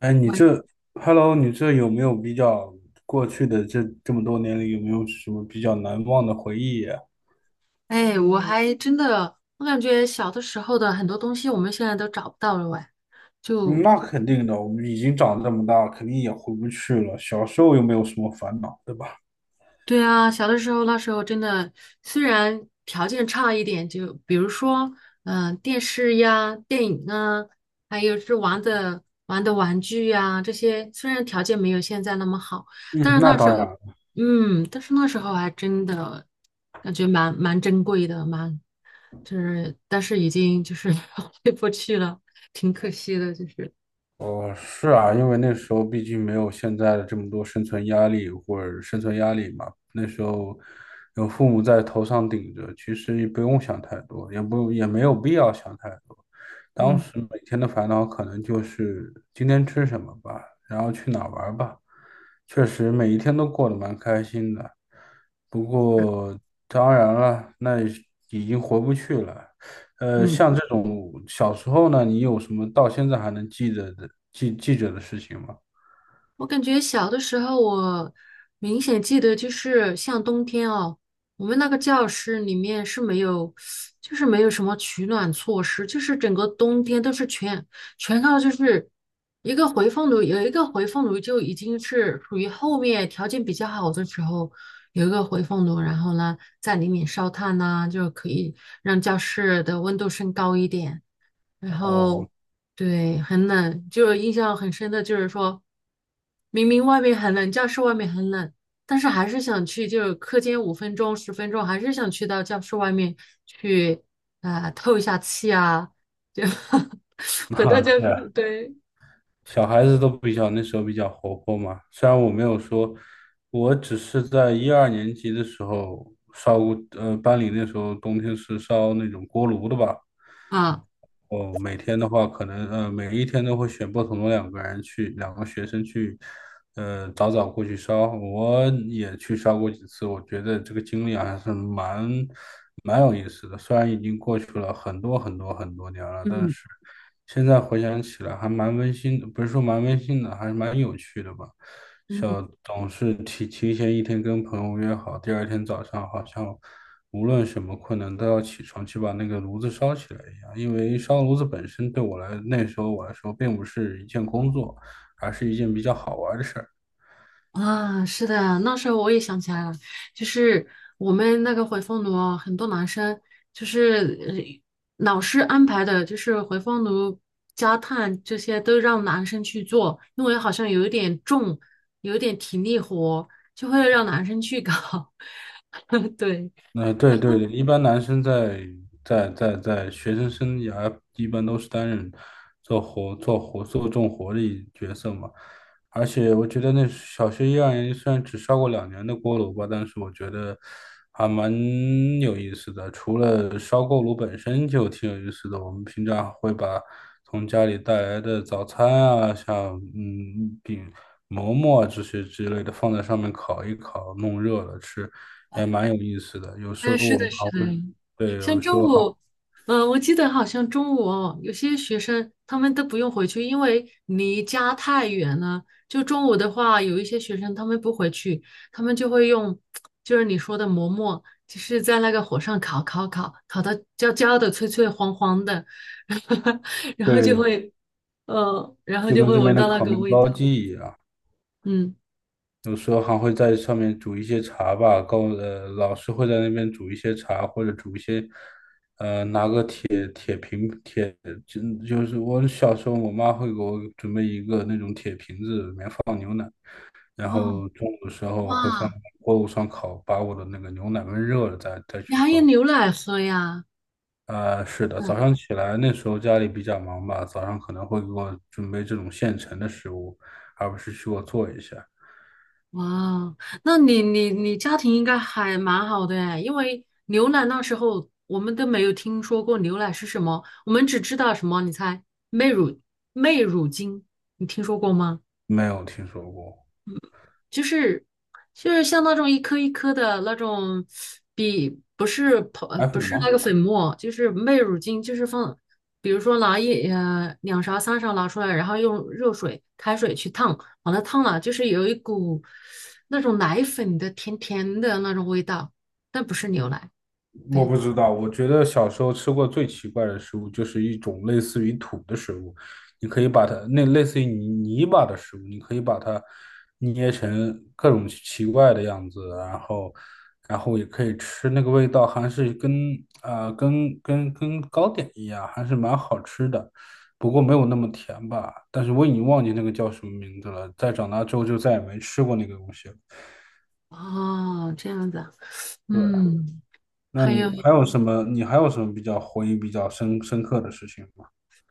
哎，你喂，这，Hello，你这有没有比较过去的这么多年里，有没有什么比较难忘的回忆呀？哎，我还真的，我感觉小的时候的很多东西，我们现在都找不到了喂，嗯，就那肯定的，我们已经长这么大，肯定也回不去了。小时候又没有什么烦恼，对吧？对啊，小的时候那时候真的，虽然条件差一点，就比如说，电视呀、电影啊，还有是玩的玩具呀，这些虽然条件没有现在那么好，但嗯，是那那时当候，然。但是那时候还真的感觉蛮珍贵的，蛮就是，但是已经就是 回不去了，挺可惜的，就是，哦，是啊，因为那时候毕竟没有现在的这么多生存压力或者生存压力嘛，那时候有父母在头上顶着，其实也不用想太多，也不也没有必要想太多。当嗯。时每天的烦恼可能就是今天吃什么吧，然后去哪儿玩儿吧。确实每一天都过得蛮开心的，不过当然了，那已经回不去了。嗯。像这种小时候呢，你有什么到现在还能记得的记着的事情吗？我感觉小的时候，我明显记得就是像冬天哦，我们那个教室里面是没有，就是没有什么取暖措施，就是整个冬天都是全靠就是一个回风炉，有一个回风炉就已经是属于后面条件比较好的时候有一个回风炉，然后呢在里面烧炭呐、就可以让教室的温度升高一点。然哦，后对，很冷，就是印象很深的，就是说明明外面很冷，教室外面很冷，但是还是想去，就是课间五分钟、十分钟，还是想去到教室外面去透一下气啊，就 回到那教对室，啊。 对 小孩子都比较那时候比较活泼嘛。虽然我没有说，我只是在一二年级的时候烧过，班里那时候冬天是烧那种锅炉的吧，啊，我每天的话，可能每一天都会选不同的两个人去，两个学生去，早早过去烧，我也去烧过几次，我觉得这个经历还是蛮有意思的。虽然已经过去了很多很多很多年了，但嗯，是现在回想起来还蛮温馨的，不是说蛮温馨的，还是蛮有趣的吧。嗯。小总是提前一天跟朋友约好，第二天早上好像无论什么困难都要起床去把那个炉子烧起来一样。因为烧炉子本身对我来那时候我来说并不是一件工作，而是一件比较好玩的事儿。啊，是的，那时候我也想起来了，就是我们那个回风炉啊，很多男生就是老师安排的，就是回风炉、加炭这些都让男生去做，因为好像有一点重，有一点体力活，就会让男生去搞。对，那对对对，一般男生在学生生涯一般都是担任做做重活的角色嘛。而且我觉得那小学一二年级虽然只烧过两年的锅炉吧，但是我觉得还蛮有意思的。除了烧锅炉本身就挺有意思的，我们平常会把从家里带来的早餐啊，像饼、馍馍啊这些之类的放在上面烤一烤，弄热了吃，也蛮有意思的。有时哎，候是我的，们是还会，的，对，像有时中候午，好，我记得好像中午哦，有些学生他们都不用回去，因为离家太远了。就中午的话，有一些学生他们不回去，他们就会用，就是你说的馍馍，就是在那个火上烤，烤到焦焦的、脆脆黄黄的，然后就对，会，然后就就跟会这闻边的到那烤个面味包道。机一样。嗯，有时候还会在上面煮一些茶吧，高老师会在那边煮一些茶，或者煮一些，就是我小时候，我妈会给我准备一个那种铁瓶子，里面放牛奶，然哦，后中午的时候会放哇，锅炉上烤，把我的那个牛奶焖热了再你去还有喝。牛奶喝呀？啊、是的，早上起来那时候家里比较忙吧，早上可能会给我准备这种现成的食物，而不是去给我做一下。哇哦那你家庭应该还蛮好的哎，因为牛奶那时候我们都没有听说过牛奶是什么，我们只知道什么，你猜，媚乳媚乳精，你听说过吗？没有听说过，就是就是像那种一颗一颗的那种比还不会是那吗？个粉末，就是麦乳精，就是放，比如说拿一两勺三勺拿出来，然后用热水开水去烫，把它烫了，就是有一股那种奶粉的甜甜的那种味道，但不是牛奶。我对，不知道，我觉得小时候吃过最奇怪的食物就是一种类似于土的食物，你可以把它那类似于泥巴的食物，你可以把它捏成各种奇怪的样子，然后然后也可以吃，那个味道还是跟啊、跟糕点一样，还是蛮好吃的，不过没有那么甜吧。但是我已经忘记那个叫什么名字了，在长大之后就再也没吃过那个东西了。哦，这样子啊，对。嗯，那还有。你还有什么？你还有什么比较回忆比较深刻的事情吗？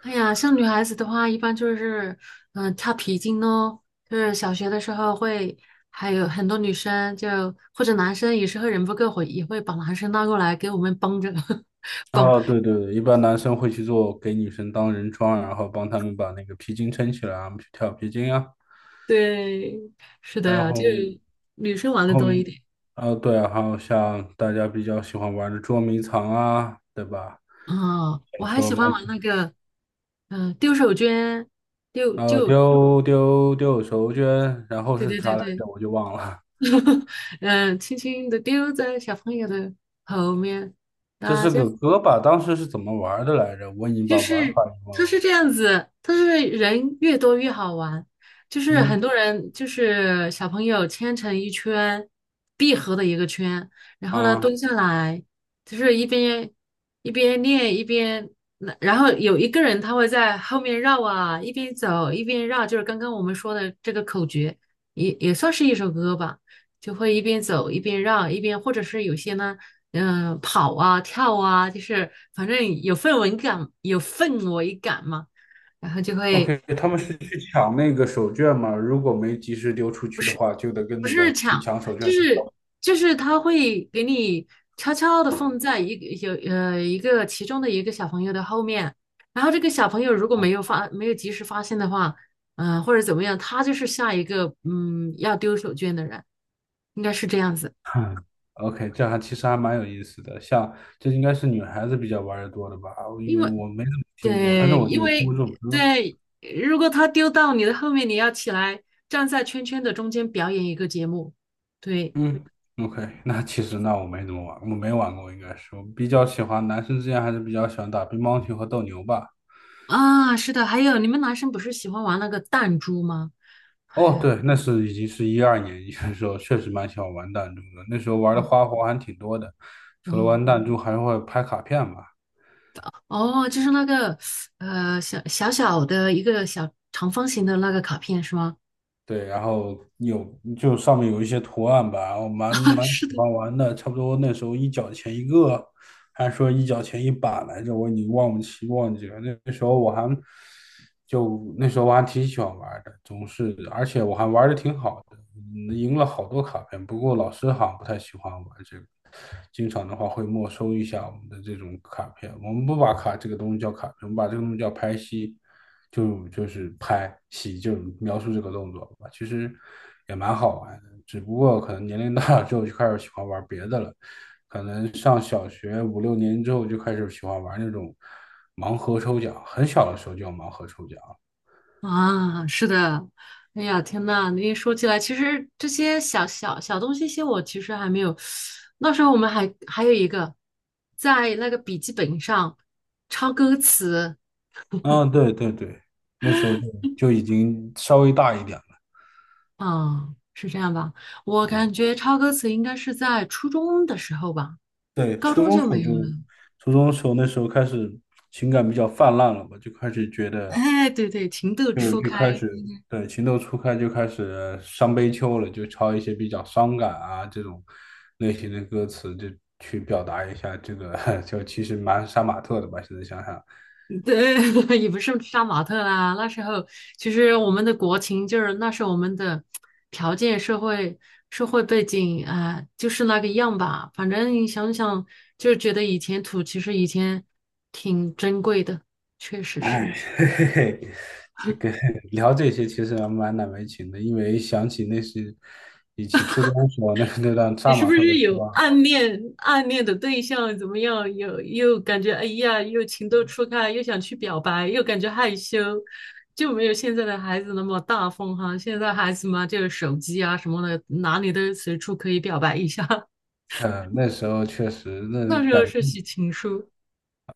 哎呀，像女孩子的话，一般就是，跳皮筋咯，就是小学的时候会，还有很多女生就或者男生有时候人不够会，也会把男生拉过来给我们帮着 帮。啊，对对对，一般男生会去做给女生当人桩，然后帮他们把那个皮筋撑起来啊，我们去跳皮筋啊。对，是然的，后，就然女生玩的后多一一，点。啊，对啊，还有像大家比较喜欢玩的捉迷藏啊，对吧？啊，我小还时候喜蛮欢喜玩欢，那个，丢手绢，丢就丢手绢，然后对是对对啥来对，着？我就忘了。嗯、轻轻的丢在小朋友的后面，这大是家。个歌吧？当时是怎么玩的来着？我已经就把玩是法给它忘是了。这样子，它是人越多越好玩，就是很嗯多人就是小朋友牵成一圈闭合的一个圈，然后呢啊。蹲下来，就是一边一边练一边，那然后有一个人他会在后面绕啊，一边走一边绕，就是刚刚我们说的这个口诀，也算是一首歌吧。就会一边走一边绕，一边或者是有些呢，跑啊跳啊，就是反正有氛围感，有氛围感嘛，然后就会 OK，他们是去抢那个手绢嘛？如果没及时丢出去的话，就得跟不那是个去抢，抢手绢就的叫 是就是他会给你悄悄的放在一个有一个其中的一个小朋友的后面，然后这个小朋友如果没有没有及时发现的话，或者怎么样，他就是下一个嗯要丢手绢的人，应该是这样子。OK，这还其实还蛮有意思的。像这应该是女孩子比较玩的多的吧？因因为为我没怎么听过，但是对，我因就听过为这首歌。对，如果他丢到你的后面，你要起来站在圈圈的中间表演一个节目。对嗯，OK，那其实那我没怎么玩，我没玩过，应该是我比较喜欢男生之间还是比较喜欢打乒乓球和斗牛吧。啊，是的，还有你们男生不是喜欢玩那个弹珠吗？还哦，有对，那是已经是一二年，的时候确实蛮喜欢玩弹珠的。那时候玩的哦花活还挺多的，除了哦玩弹珠，还会拍卡片嘛。哦，就是那个小小小的一个小长方形的那个卡片是吗？对，然后有就上面有一些图案吧，我蛮 啊，蛮喜是的。欢玩的，差不多那时候一角钱一个，还说一角钱一把来着，我已经忘不清忘记了。那那时候我还就那时候我还挺喜欢玩的，总是而且我还玩的挺好的，嗯赢了好多卡片。不过老师好像不太喜欢玩这个，经常的话会没收一下我们的这种卡片。我们不把卡这个东西叫卡片，我们把这个东西叫拍戏。就是拍戏，就是描述这个动作吧，其实也蛮好玩的，只不过可能年龄大了之后就开始喜欢玩别的了，可能上小学五六年之后就开始喜欢玩那种盲盒抽奖，很小的时候就有盲盒抽奖。啊，是的，哎呀，天呐，你一说起来，其实这些小小小东西，些我其实还没有。那时候我们还有一个，在那个笔记本上抄歌词，嗯，对对对，那时候就就已经稍微大一点啊，是这样吧？我了感啊。觉抄歌词应该是在初中的时候吧，对，高初中中就时候没有就，了。初中时候那时候开始情感比较泛滥了嘛，就开始觉得哎，对对，情窦就初就开开，始对情窦初开，就开始伤悲秋了，就抄一些比较伤感啊这种类型的歌词，就去表达一下这个，就其实蛮杀马特的吧，现在想想。对，也不是杀马特啦。那时候其实我们的国情就是那时候我们的条件、社会、社会背景啊、就是那个样吧。反正你想想，就觉得以前土其实以前挺珍贵的，确 实是。哎，嘿嘿嘿，这个聊这些其实还蛮难为情的，因为想起那是以前初中时候那段你杀是马不特的是书有啊，暗恋暗恋的对象？怎么样？有又感觉哎呀，又情窦初开，又想去表白，又感觉害羞，就没有现在的孩子那么大方哈。现在孩子嘛，就个手机啊什么的，哪里都随处可以表白一下。那时候确实那那时感候是觉写情书，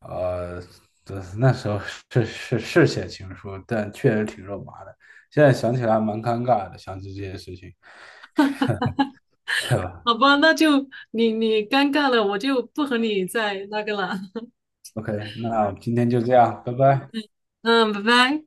呃，对那时候是写情书，但确实挺肉麻的。现在想起来还蛮尴尬的，想起这些事情，对吧好吧？那就你你尴尬了，我就不和你再那个了。？OK，那今天就这样，拜拜。嗯，拜拜。